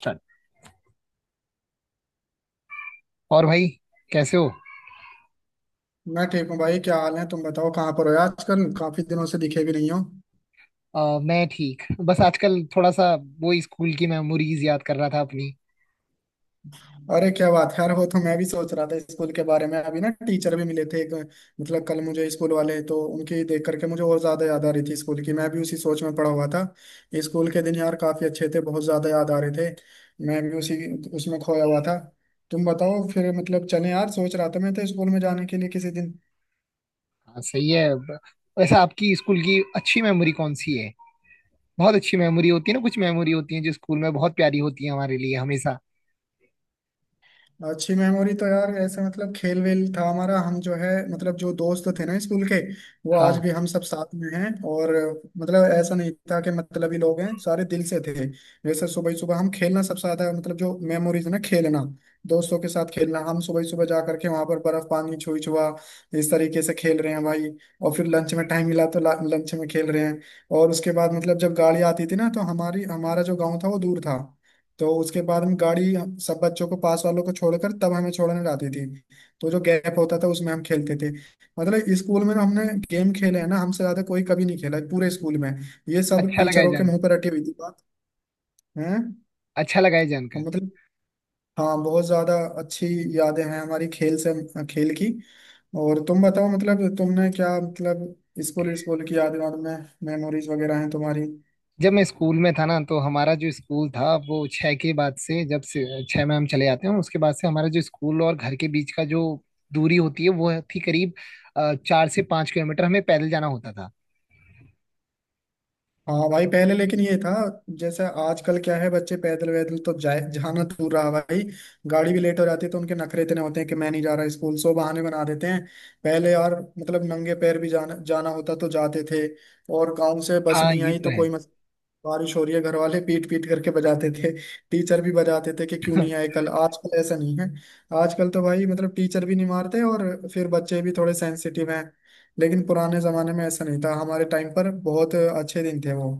चल और भाई कैसे हो। मैं ठीक हूँ भाई। क्या हाल है? तुम बताओ, कहाँ पर हो आजकल? काफी दिनों से दिखे भी नहीं हो। मैं ठीक बस आजकल थोड़ा सा वो ही स्कूल की मेमोरीज याद कर रहा था अपनी। अरे क्या बात है यार, वो तो मैं भी सोच रहा था स्कूल के बारे में। अभी ना टीचर भी मिले थे एक। मतलब कल मुझे स्कूल वाले, तो उनकी देख करके मुझे और ज्यादा याद आ रही थी स्कूल की। मैं भी उसी सोच में पड़ा हुआ था। स्कूल के दिन यार काफी अच्छे थे, बहुत ज्यादा याद आ रहे थे। मैं भी उसी, उसमें खोया हुआ था। तुम बताओ फिर, मतलब चले? यार सोच रहा था मैं तो स्कूल में जाने के लिए किसी दिन। हाँ सही है वैसे आपकी स्कूल की अच्छी मेमोरी कौन सी है? बहुत अच्छी मेमोरी होती है ना, कुछ मेमोरी होती है जो स्कूल में बहुत प्यारी होती है हमारे लिए हमेशा। अच्छी मेमोरी तो यार ऐसे, मतलब खेल वेल था हमारा। हम जो है, मतलब जो दोस्त थे ना स्कूल के, वो आज हाँ। भी हम सब साथ में हैं। और मतलब ऐसा नहीं था कि मतलब ही लोग हैं, सारे दिल से थे। जैसे सुबह सुबह हम खेलना सबसे ज्यादा, मतलब जो मेमोरीज ना, खेलना दोस्तों के साथ। खेलना हम सुबह सुबह जा करके वहां पर, बर्फ पानी छुई छुआ, इस तरीके से खेल रहे हैं भाई। और फिर लंच में टाइम मिला तो लंच में खेल रहे हैं। और उसके बाद, मतलब जब गाड़ी आती थी ना, तो हमारी हमारा जो गाँव था वो दूर था। तो उसके बाद हम गाड़ी, सब बच्चों को पास वालों को छोड़कर तब हमें छोड़ने जाती थी। तो जो गैप होता था उसमें हम खेलते थे। मतलब स्कूल में हमने गेम खेले हैं ना, हमसे ज्यादा कोई कभी नहीं खेला है पूरे स्कूल में। ये सब अच्छा लगा है टीचरों के जान। मुंह पर रटी हुई थी बात। है, अच्छा लगा है जान। मतलब हाँ बहुत ज्यादा अच्छी यादें हैं हमारी, खेल से, खेल की। और तुम बताओ, मतलब तुमने क्या, मतलब स्कूल, स्कूल की यादें और में, मेमोरीज वगैरह हैं तुम्हारी? जब मैं स्कूल में था ना, तो हमारा जो स्कूल था वो छः के बाद से, जब से छः में हम चले जाते हैं उसके बाद से, हमारा जो स्कूल और घर के बीच का जो दूरी होती है वो थी करीब 4 से 5 किलोमीटर, हमें पैदल जाना होता था। हाँ भाई पहले लेकिन ये था, जैसे आजकल क्या है, बच्चे पैदल वैदल तो जाए, जाना दूर रहा भाई। गाड़ी भी लेट हो जाती है तो उनके नखरे इतने होते हैं कि मैं नहीं जा रहा स्कूल, सो बहाने बना देते हैं। पहले यार, मतलब नंगे पैर भी जाना जाना होता तो जाते थे। और गाँव से बस हाँ नहीं ये आई तो तो है। कोई मत। बारिश हो रही है घर वाले पीट पीट करके बजाते थे। टीचर भी बजाते थे कि क्यों नहीं आए कल। आजकल ऐसा नहीं है, आजकल तो भाई मतलब टीचर भी नहीं मारते, और फिर बच्चे भी थोड़े सेंसिटिव हैं। लेकिन पुराने जमाने में ऐसा नहीं था, हमारे टाइम पर बहुत अच्छे दिन थे वो।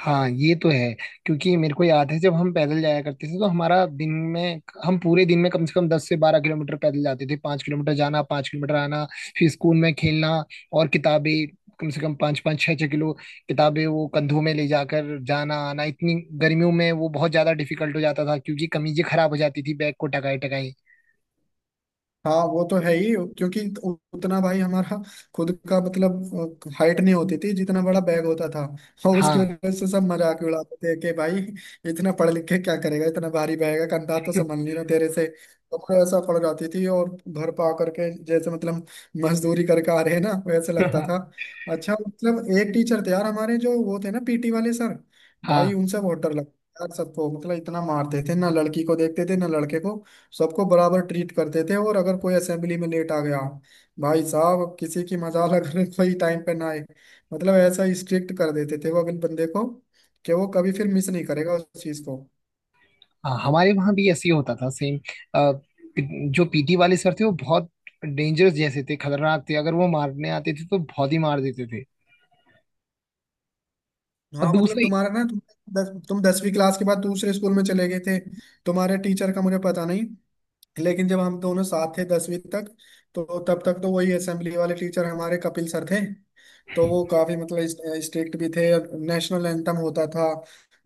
हाँ ये तो है। क्योंकि मेरे को याद है, जब हम पैदल जाया करते थे तो हमारा दिन में, हम पूरे दिन में कम से कम 10 से 12 किलोमीटर पैदल जाते थे। 5 किलोमीटर जाना, 5 किलोमीटर आना, फिर स्कूल में खेलना। और किताबें कम से कम पाँच पाँच छः छः किलो किताबें वो कंधों में ले जाकर जाना आना, इतनी गर्मियों में वो बहुत ज्यादा डिफिकल्ट हो जाता था, क्योंकि कमीजें खराब हो जाती थी बैग को टकाई टकाई। हाँ वो तो है ही, क्योंकि उतना भाई हमारा खुद का मतलब हाइट नहीं होती थी, जितना बड़ा बैग होता था। और उसकी हाँ वजह से सब मजाक उड़ाते थे कि भाई इतना पढ़ लिख के क्या करेगा, इतना भारी बैग है कंधा तो संभल नहीं रहा तेरे से। तो मुझे ऐसा पड़ जाती थी, और घर पे आकर के जैसे मतलब मजदूरी करके आ रहे हैं ना, वैसे लगता था। अच्छा, मतलब एक टीचर थे यार हमारे जो वो थे ना, पीटी वाले सर। भाई हाँ। उनसे बहुत डर लगता था यार सबको, मतलब इतना मारते थे ना, लड़की को देखते थे ना लड़के को, सबको बराबर ट्रीट करते थे। और अगर कोई असेंबली में लेट आ गया भाई साहब, किसी की मजाल अगर कोई टाइम पे ना आए। मतलब ऐसा स्ट्रिक्ट कर देते थे वो अपने बंदे को, कि वो कभी फिर मिस नहीं करेगा उस चीज को। हाँ हमारे वहाँ भी ऐसे ही होता था, सेम। जो पीटी वाले सर थे वो बहुत डेंजरस जैसे थे, खतरनाक थे, अगर वो मारने आते थे तो बहुत ही मार देते थे। और हाँ मतलब दूसरा, तुम्हारा ना, तुम तुम दसवीं क्लास के बाद दूसरे स्कूल में चले गए थे। तुम्हारे टीचर का मुझे पता नहीं, लेकिन जब हम दोनों साथ थे दसवीं तक, तो तब तक तो वही असेंबली वाले टीचर हमारे कपिल सर थे। तो वो काफी मतलब स्ट्रिक्ट भी थे, और नेशनल एंथम होता था,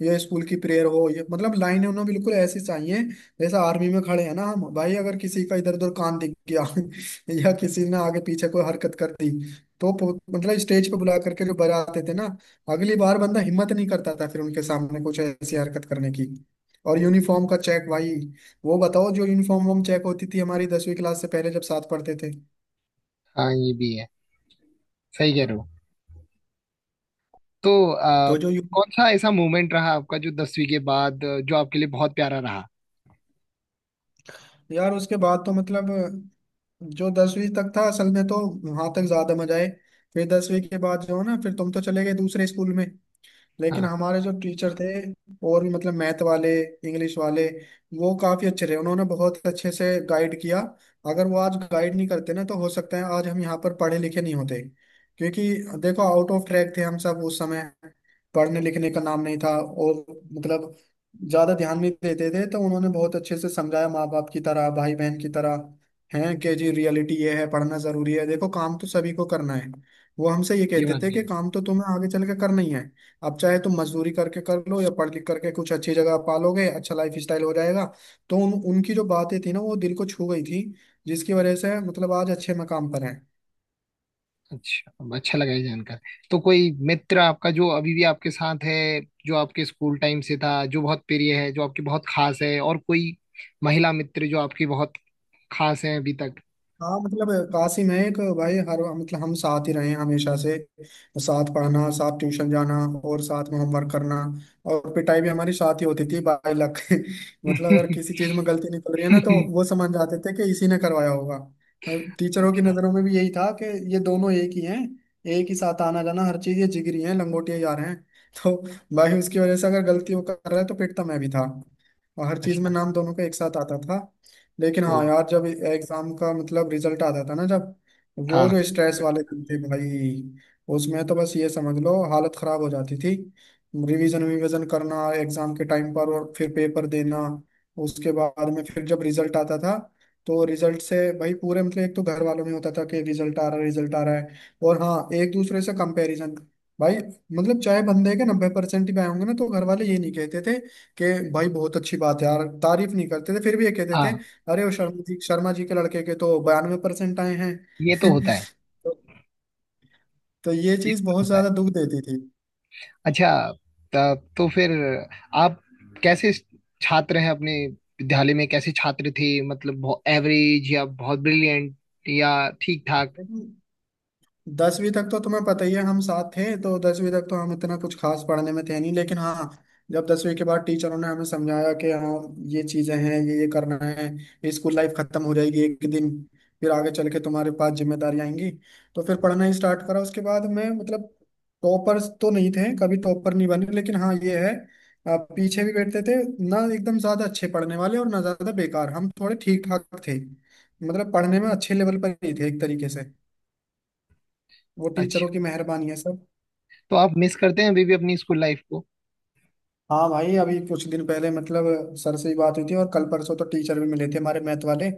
ये स्कूल की प्रेयर हो, ये मतलब लाइनें उन्हें बिल्कुल ऐसी चाहिए जैसे आर्मी में खड़े हैं ना हम भाई। अगर किसी का इधर उधर कान दिख गया या किसी ने आगे पीछे कोई हरकत कर दी, तो मतलब स्टेज पे बुला करके जो बजाते थे ना, अगली बार बंदा हिम्मत नहीं करता था फिर उनके सामने कुछ ऐसी हरकत करने की। और यूनिफॉर्म का चेक भाई, वो बताओ, जो यूनिफॉर्म वॉर्म चेक होती थी हमारी दसवीं क्लास से पहले जब साथ पढ़ते थे। हाँ ये भी है, सही कह रहे हो। तो तो जो कौन सा ऐसा मोमेंट रहा आपका जो दसवीं के बाद, जो आपके लिए बहुत प्यारा रहा? यार उसके बाद तो मतलब जो दसवीं तक था असल में, तो वहां तक ज्यादा मजा आए। फिर दसवीं के बाद जो है ना, फिर तुम तो चले गए दूसरे स्कूल में, लेकिन हाँ हमारे जो टीचर थे, और भी मतलब मैथ वाले, इंग्लिश वाले, वो काफी अच्छे रहे, उन्होंने बहुत अच्छे से गाइड किया। अगर वो आज गाइड नहीं करते ना, तो हो सकता है आज हम यहाँ पर पढ़े लिखे नहीं होते। क्योंकि देखो आउट ऑफ ट्रैक थे हम सब उस समय, पढ़ने लिखने का नाम नहीं था, और मतलब ज्यादा ध्यान नहीं देते थे। तो उन्होंने बहुत अच्छे से समझाया माँ बाप की तरह, भाई बहन की तरह। हैं कि जी रियलिटी ये है, पढ़ना जरूरी है, देखो काम तो सभी को करना है। वो हमसे ये ये कहते बात थे भी कि है। काम तो तुम्हें आगे चल के करना ही है, अब चाहे तुम मजदूरी करके कर लो या पढ़ लिख करके कुछ अच्छी जगह पालोगे, अच्छा लाइफ स्टाइल हो जाएगा। तो उनकी जो बातें थी ना, वो दिल को छू गई थी, जिसकी वजह से मतलब आज अच्छे मकाम पर हैं। अच्छा, अच्छा लगा ये जानकर। तो कोई मित्र आपका जो अभी भी आपके साथ है, जो आपके स्कूल टाइम से था, जो बहुत प्रिय है, जो आपकी बहुत खास है? और कोई महिला मित्र जो आपकी बहुत खास है अभी तक? हाँ मतलब कासिम है एक भाई, हर मतलब हम साथ ही रहे हैं हमेशा से। साथ पढ़ना, साथ ट्यूशन जाना, और साथ में होमवर्क करना। और पिटाई भी हमारी साथ ही होती थी बाई लक मतलब अगर किसी चीज में गलती निकल रही है ना, तो वो समझ जाते थे कि इसी ने करवाया होगा। टीचरों की अच्छा। नजरों में भी यही था कि ये दोनों एक ही हैं, एक ही साथ आना जाना, हर चीज, ये जिगरी हैं, लंगोटिया जा रहे हैं तो भाई उसकी वजह से अगर गलती वो कर रहा है तो पिटता मैं भी था, और हर चीज में अच्छा। नाम दोनों का एक साथ आता था। लेकिन ओ। हाँ यार जब एग्जाम का मतलब रिजल्ट आता था ना, जब वो हाँ। जो स्ट्रेस वाले दिन थे भाई, उसमें तो बस ये समझ लो हालत खराब हो जाती थी। रिवीजन रिवीजन करना एग्जाम के टाइम पर, और फिर पेपर देना। उसके बाद में फिर जब रिजल्ट आता था, तो रिजल्ट से भाई पूरे, मतलब एक तो घर वालों में होता था कि रिजल्ट आ रहा है, रिजल्ट आ रहा है। और हाँ एक दूसरे से कंपैरिजन भाई। मतलब चाहे बंदे के नब्बे परसेंट भी आए होंगे ना, तो घर वाले ये नहीं कहते थे कि भाई बहुत अच्छी बात है यार, तारीफ नहीं करते थे, फिर भी ये कहते थे हाँ अरे वो शर्मा जी, शर्मा जी के लड़के के तो बयानवे परसेंट आए हैं। ये तो होता है। तो, तो ये ये चीज तो बहुत होता है। ज्यादा दुख देती थी। अच्छा। तब तो फिर आप कैसे छात्र हैं अपने विद्यालय में, कैसे छात्र थे? मतलब एवरेज या बहुत ब्रिलियंट, या ठीक ठाक? लेकिन दसवीं तक तो तुम्हें पता ही है हम साथ थे, तो दसवीं तक तो हम इतना कुछ खास पढ़ने में थे नहीं। लेकिन हाँ जब दसवीं के बाद टीचरों ने हमें समझाया कि हाँ, ये चीजें हैं, ये करना है, स्कूल लाइफ खत्म हो जाएगी एक दिन, फिर आगे चल के तुम्हारे पास जिम्मेदारी आएंगी। तो फिर पढ़ना ही स्टार्ट करा उसके बाद। मैं मतलब टॉपर्स तो नहीं थे, कभी टॉपर नहीं बने, लेकिन हाँ ये है, पीछे भी बैठते थे, ना एकदम ज्यादा अच्छे पढ़ने वाले और ना ज्यादा बेकार, हम थोड़े ठीक ठाक थे। मतलब पढ़ने में अच्छे लेवल पर ही थे एक तरीके से। वो अच्छा। टीचरों की मेहरबानी है सर। तो आप मिस करते हैं अभी भी अपनी स्कूल लाइफ को? हाँ भाई अभी कुछ दिन पहले मतलब सर से ही बात हुई थी, और कल परसों तो टीचर भी मिले थे हमारे मैथ वाले।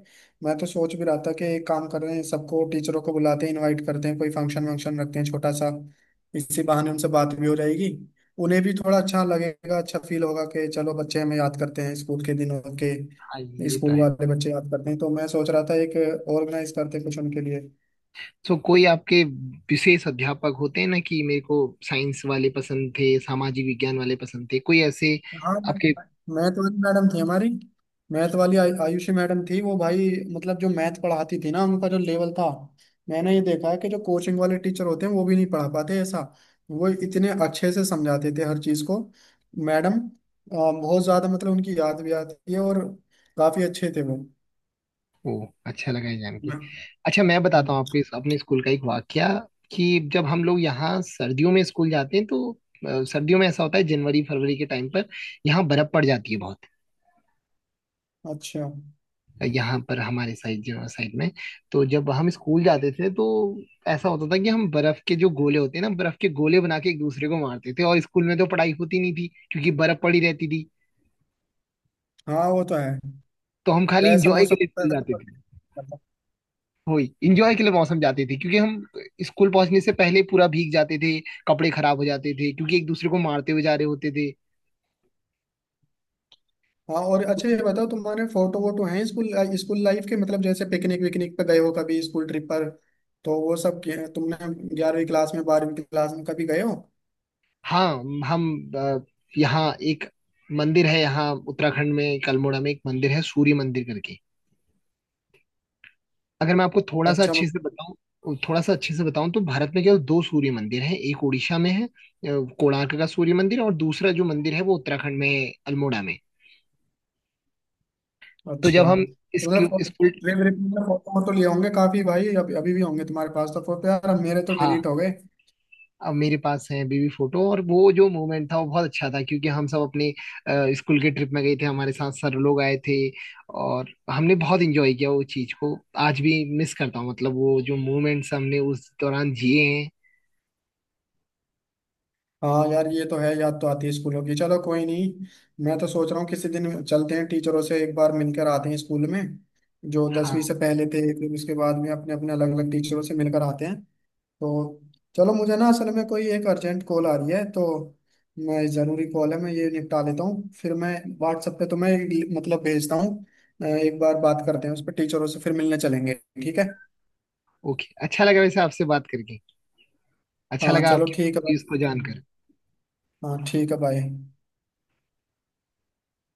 मैं तो सोच भी रहा था कि एक काम कर रहे हैं, सबको टीचरों को बुलाते हैं, इनवाइट करते हैं, कोई फंक्शन वंक्शन रखते हैं छोटा सा। इसी बहाने उनसे बात भी हो जाएगी, उन्हें भी थोड़ा अच्छा लगेगा, अच्छा फील होगा कि चलो बच्चे हमें याद करते हैं, स्कूल के दिनों हाँ के ये तो स्कूल है। वाले बच्चे याद करते हैं। तो मैं सोच रहा था एक ऑर्गेनाइज करते कुछ उनके लिए। सो कोई आपके विशेष अध्यापक होते हैं ना, कि मेरे को साइंस वाले पसंद थे, सामाजिक विज्ञान वाले पसंद थे, कोई ऐसे हाँ आपके? मैथ वाली मैडम थी हमारी, मैथ वाली आयुषी मैडम थी वो भाई। मतलब जो मैथ पढ़ाती थी ना, उनका जो लेवल था, मैंने ये देखा है कि जो कोचिंग वाले टीचर होते हैं वो भी नहीं पढ़ा पाते ऐसा। वो इतने अच्छे से समझाते थे हर चीज को। मैडम बहुत ज्यादा, मतलब उनकी याद भी आती है, और काफी अच्छे थे वो। ओ, अच्छा लगा ये जान के। मैं- अच्छा, मैं बताता हूँ आपको इस अपने स्कूल का एक वाकया कि जब हम लोग यहाँ सर्दियों में स्कूल जाते हैं, तो सर्दियों में ऐसा होता है, जनवरी फरवरी के टाइम पर यहाँ बर्फ पड़ जाती है बहुत। अच्छा। यहाँ पर हमारे साइड साइड में। तो जब हम स्कूल जाते थे तो ऐसा होता था कि हम बर्फ के जो गोले होते हैं ना, बर्फ के गोले बना के एक दूसरे को मारते थे। और स्कूल में तो पढ़ाई होती नहीं थी, क्योंकि बर्फ पड़ी रहती थी। हाँ वो तो है, तो हम खाली वैसा इंजॉय के मौसम लिए होता स्कूल है तो जाते पढ़ थे। नहीं पाता। वही इंजॉय के लिए मौसम जाते थे, क्योंकि हम स्कूल पहुंचने से पहले पूरा भीग जाते थे, कपड़े खराब हो जाते थे, क्योंकि एक दूसरे को मारते हुए जा रहे होते थे। हाँ और अच्छा ये बताओ, तुम्हारे फोटो वोटो हैं स्कूल, स्कूल लाइफ के, मतलब जैसे पिकनिक विकनिक पे गए हो कभी स्कूल ट्रिप पर, तो वो सब तुमने ग्यारहवीं क्लास में, बारहवीं क्लास में कभी गए हो? हाँ, हम यहाँ एक मंदिर है, यहाँ उत्तराखंड में अल्मोड़ा में एक मंदिर है सूर्य मंदिर करके। अगर मैं आपको थोड़ा सा अच्छा। अच्छे से बताऊं, थोड़ा सा अच्छे से बताऊं, तो भारत में केवल दो सूर्य मंदिर हैं। एक उड़ीसा में है, कोणार्क का सूर्य मंदिर, और दूसरा जो मंदिर है वो उत्तराखंड में है, अल्मोड़ा में। तो अच्छा जब हम तो मतलब इसके स्कूल, ट्रिप ट्रिप में फोटो वोटो लिए होंगे काफी भाई, अभी अभी भी होंगे तुम्हारे पास? तो फोटो यार अब मेरे तो हाँ, डिलीट हो गए। अब मेरे पास है बेबी फोटो, और वो जो मोमेंट था वो बहुत अच्छा था, क्योंकि हम सब अपने स्कूल के ट्रिप में गए थे, हमारे साथ सर लोग आए थे, और हमने बहुत एंजॉय किया वो चीज को। आज भी मिस करता हूँ, मतलब वो जो मोमेंट्स हमने उस दौरान जिए हैं। हाँ यार ये तो है, याद तो आती है स्कूलों की। चलो कोई नहीं, मैं तो सोच रहा हूँ किसी दिन चलते हैं, टीचरों से एक बार मिलकर आते हैं स्कूल में जो दसवीं हाँ। से पहले थे, फिर उसके बाद में अपने अपने अलग अलग टीचरों से मिलकर आते हैं। तो चलो, मुझे ना असल में कोई एक अर्जेंट कॉल आ रही है तो, मैं ज़रूरी कॉल है, मैं ये निपटा लेता हूँ, फिर मैं व्हाट्सएप पे तुम्हें एक मतलब भेजता हूँ। एक बार बात करते हैं उस पर, टीचरों से फिर मिलने चलेंगे, ठीक है? ओके, अच्छा लगा वैसे आपसे बात करके। अच्छा हाँ लगा चलो ठीक है आपकी भाई। इसको जानकर। हाँ ठीक है भाई।